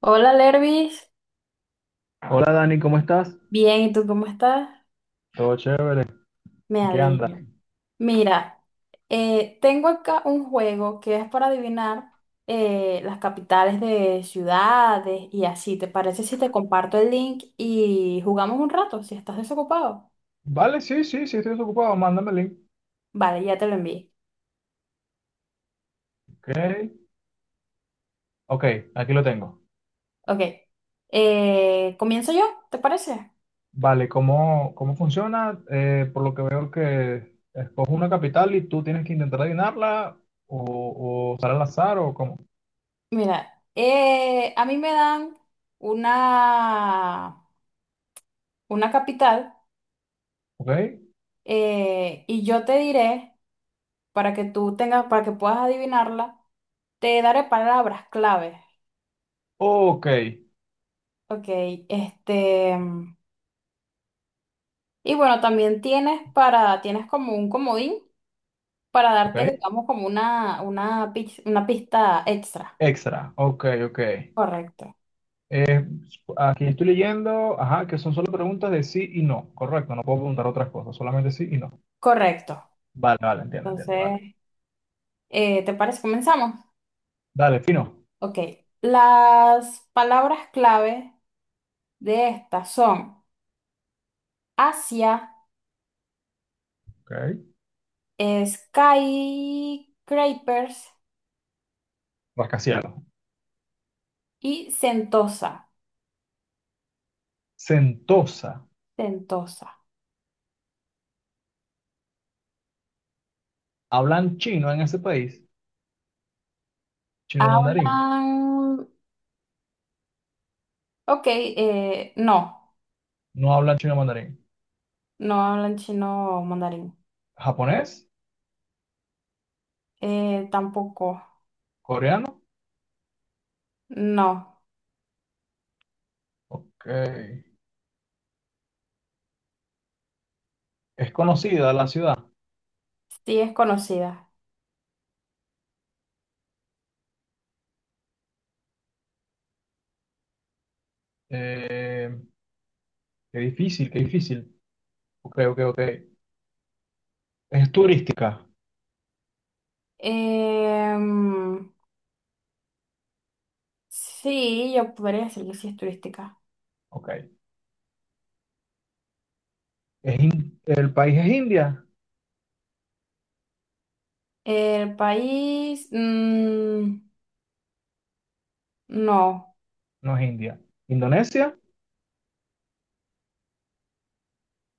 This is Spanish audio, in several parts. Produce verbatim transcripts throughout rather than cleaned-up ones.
Hola, Lervis. Hola Dani, ¿cómo estás? Bien, ¿y tú cómo estás? Todo chévere. Me ¿Qué anda? alegro. Mira, eh, tengo acá un juego que es para adivinar eh, las capitales de ciudades y así. ¿Te parece si te comparto el link y jugamos un rato si estás desocupado? Vale, sí, sí, sí, estoy desocupado. Mándame el link. Vale, ya te lo envié. Ok, ok, aquí lo tengo. Ok. Eh, ¿comienzo yo? ¿Te parece? Vale, ¿cómo, cómo funciona? Eh, por lo que veo que escojo una capital y tú tienes que intentar adivinarla o, o usar al azar o cómo. Mira, eh, a mí me dan una, una capital Ok, eh, y yo te diré. Para que tú tengas, para que puedas adivinarla, te daré palabras claves. ok, Ok, este, mm, y bueno, también tienes para, tienes como un comodín para ok. darte, digamos, como una, una, pis- una pista extra. Extra, ok, ok. Correcto. Eh, Aquí estoy leyendo, ajá, que son solo preguntas de sí y no. Correcto, no puedo preguntar otras cosas, solamente sí y no. Correcto. Vale, vale, entiendo, entiendo, dale. Entonces, eh, ¿te parece? Comenzamos. Dale, fino. Ok. Las palabras clave de estas son Asia, Ok, skyscrapers rascacielos. y Sentosa. Sentosa. Sentosa. ¿Hablan chino en ese país? ¿Chino mandarín? Hablan, ok, eh, no, No hablan chino mandarín. no hablan chino o mandarín. ¿Japonés? Eh, tampoco, ¿Coreano? no, Ok. ¿Es conocida la ciudad? sí es conocida. Eh, ¡Qué difícil, qué difícil! Ok, ok, ok. ¿Es turística? Em, sí, yo podría decir que sí es turística. Ok. ¿Es in- ¿El país es India? El país, mm, no, No es India. ¿Indonesia?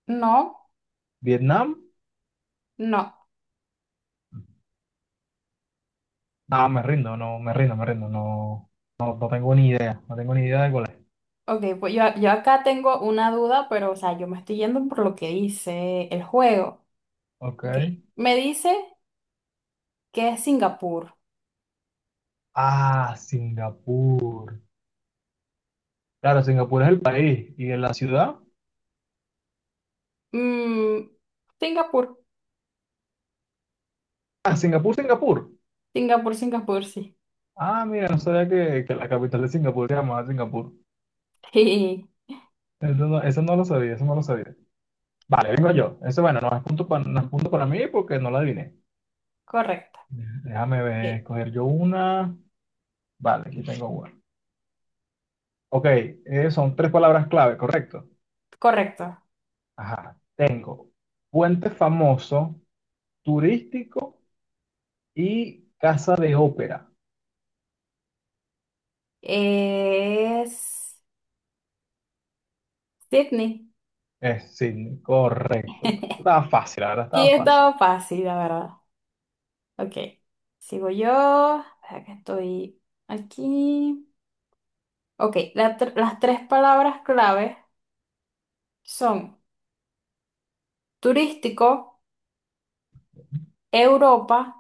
no, ¿Vietnam? no. Ah, me rindo, no, me rindo, me rindo. No, no, no tengo ni idea. No tengo ni idea de cuál es. Ok, pues yo, yo acá tengo una duda, pero o sea, yo me estoy yendo por lo que dice el juego. Ok. Ok, me dice que es Singapur. Ah, Singapur. Claro, Singapur es el país. ¿Y en la ciudad? Mm, Singapur. Ah, Singapur, Singapur. Singapur, Singapur, sí. Ah, mira, no sabía que, que la capital de Singapur se llamaba Singapur. Sí, Eso no, eso no lo sabía, eso no lo sabía. Vale, vengo yo. Eso, bueno, no es punto para, no es punto para mí porque no la adiviné. correcto. Déjame ver, Ok. escoger yo una. Vale, aquí tengo una. Ok, eh, son tres palabras clave, ¿correcto? Correcto. Ajá, tengo puente famoso, turístico y casa de ópera. Es Sydney. Eh, sí, correcto. Estaba fácil, la verdad, Sí, estaba fácil. estaba fácil, la verdad. Ok. Sigo yo. Espera que estoy aquí. Ok, la tr- las tres palabras clave son turístico, Europa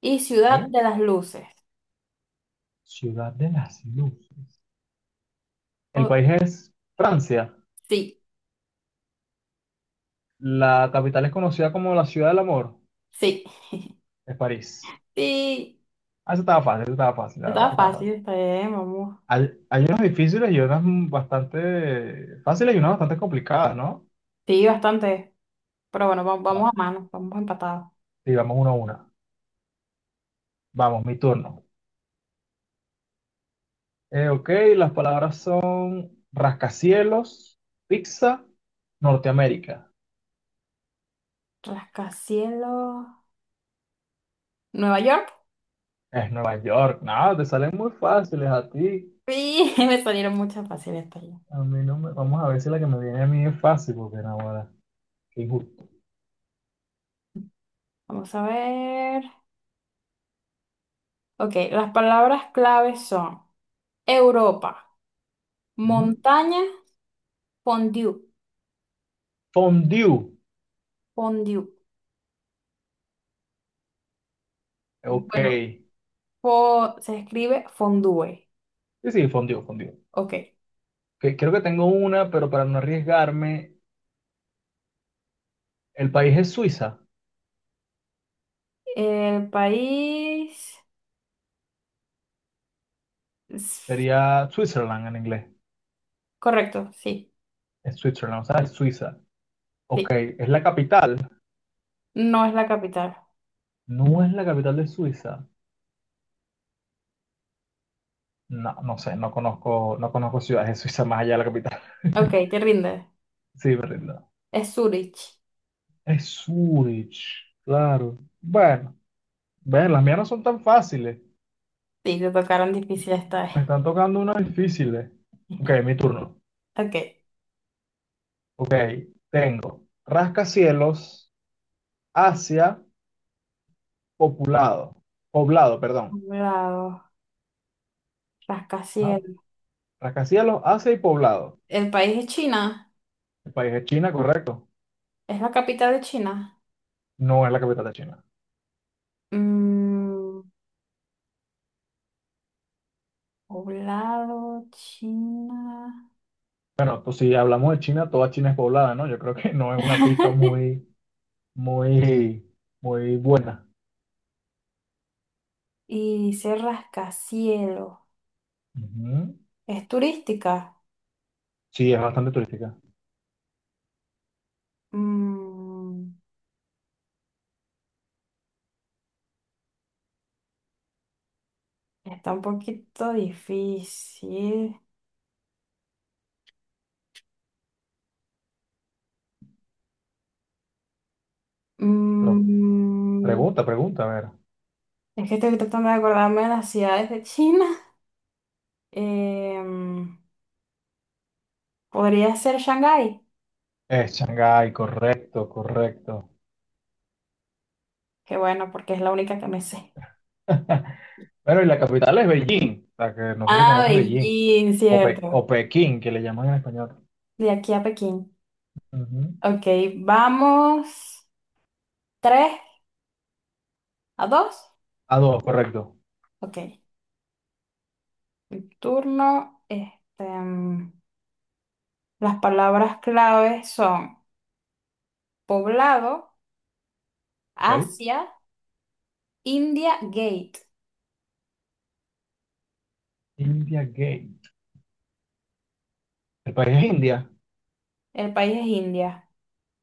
y ciudad Ok. de las luces. Ciudad de las Luces. El Oh, país es Francia. sí, La capital es conocida como la Ciudad del Amor. sí, Es París. sí. Ah, eso estaba fácil, eso estaba fácil, la verdad que Estaba estaba fácil, fácil. está bien, vamos. Hay, hay unas difíciles y unas bastante fáciles y unas bastante complicadas, ¿no? Sí, bastante. Pero bueno, va- Va, vamos a mano, vamos empatados. sí, vamos una a una. Vamos, mi turno. Eh, ok, las palabras son rascacielos, pizza, Norteamérica. Rascacielos. Nueva York. Es Nueva York. No, te salen muy fáciles a ti. Sí, me salieron muchas fáciles también. A mí no me... Vamos a ver si la que me viene a mí es fácil, porque no, ahora. Qué injusto. Vamos a ver. Ok, las palabras claves son Europa, ¿Mm? montaña, fondue, Fondue. fondue. Ok. Bueno, Sí, fo- se escribe fondue. sí, fondue, fondue. Ok. Que- creo que tengo una, pero para no arriesgarme, el país es Suiza. El país. Es... Sería Switzerland en inglés. Correcto, sí, Es Switzerland, o sea, es Suiza. sí. Ok, ¿es la capital? No es la capital. No es la capital de Suiza. No, no sé, no conozco, no conozco ciudades de Suiza más allá de la capital. Ok, te rindes. Sí, me rindo. Es Zurich. Es Zurich, claro. Bueno, ven, las mías no son tan fáciles. Sí, te tocaron difíciles esta vez. Me están tocando unas difíciles. Ok, mi turno. Ok. Ok, tengo rascacielos, Asia, poblado. Poblado, perdón. Lado, Ajá, rascacielos, Asia y poblado. el país es China, El país es China, correcto. es la capital de China. No es la capital de China. Mm, poblado China. Bueno, pues si hablamos de China, toda China es poblada, ¿no? Yo creo que no es una pista muy, muy, muy buena. Y dice rascacielos. Ujú. Es turística. Sí, es bastante turística. Mm, está un poquito difícil. Pero Mm, pregunta, pregunta, a ver. es que estoy tratando de acordarme de las ciudades de China. Em, podría ser Shanghái. Es Shanghái, correcto, correcto. Que bueno, porque es la única que me sé. Bueno, y la capital es Beijing, o sea, que no sé si Ah, conoces Beijing, Beijing, o, Pe- cierto. o Pekín, que le llaman en español. De aquí a Pekín. Ujú. Ok, vamos. ¿Tres a dos? A dos, correcto. Ok. Mi turno. Este, mm, las palabras claves son poblado, Ok. Asia, India, Gate. India Gate. El país es India, El país es India.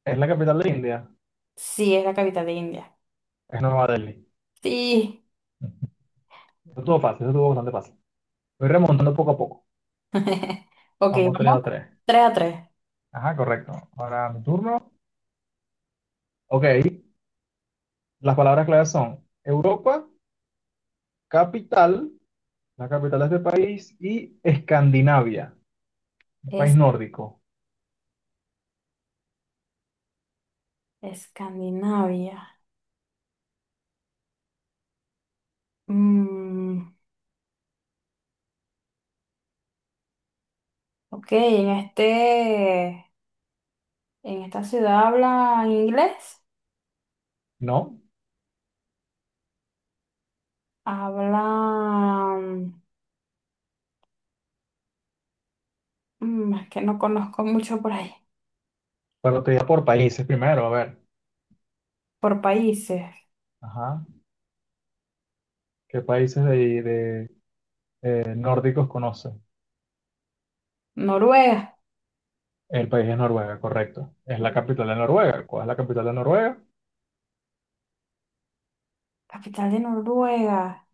es la capital de India, Sí, es la capital de India. es Nueva Delhi. Sí. Ujú. Eso estuvo fácil, eso estuvo bastante fácil. Voy remontando poco a poco. Ok, Vamos tres a vamos. tres. Tres a tres. Ajá, correcto. Ahora mi turno. Ok, las palabras claves son Europa, capital, la capital de este país, y Escandinavia, un país Es nórdico. Escandinavia. Mm, ok, en este, en esta ciudad hablan inglés. No, Hablan. Mm, es que no conozco mucho por ahí, pero te digo por países primero, a ver. por países. Ajá. ¿Qué países de, de, eh, nórdicos conoces? Noruega, El país es Noruega, correcto. Es la mm, capital de Noruega. ¿Cuál es la capital de Noruega? capital de Noruega,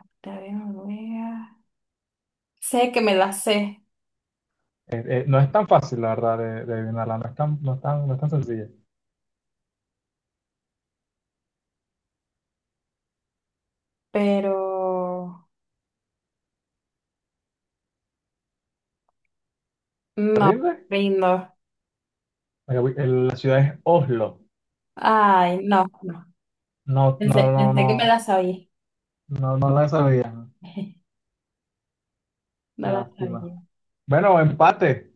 capital de Noruega. Sé que me la sé, Eh, eh, no es tan fácil, la verdad, de, de adivinarla. No es tan, no es tan, no es tan sencilla. pero ¿Te no, rindes? rindo. La capi- el- la ciudad es Oslo. Ay, no, no. No, no, Pensé, no, pensé no. que me la sabía. No, no la sabía. No la Lástima. sabía. Bueno, empate.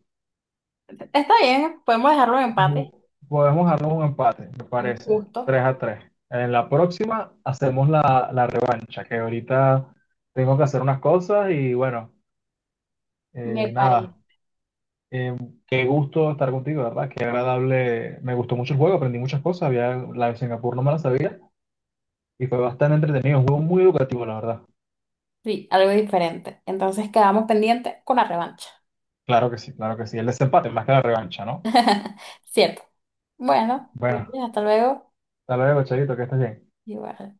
Está bien, podemos dejarlo en empate, Ju- Podemos armar un empate, me algo parece. justo, Tres a tres. En la próxima hacemos la, la revancha, que ahorita tengo que hacer unas cosas y bueno, eh, me parece. nada. Eh, Qué gusto estar contigo, ¿verdad? Qué agradable. Me gustó mucho el juego, aprendí muchas cosas. Había, la de Singapur no me la sabía y fue bastante entretenido. Un juego muy educativo, la verdad. Sí, algo diferente. Entonces quedamos pendientes con la revancha. Claro que sí, claro que sí. El desempate más que la revancha, ¿no? Cierto. Bueno, Bueno, gracias, hasta luego. hasta luego, chavito, que estés bien. Igual.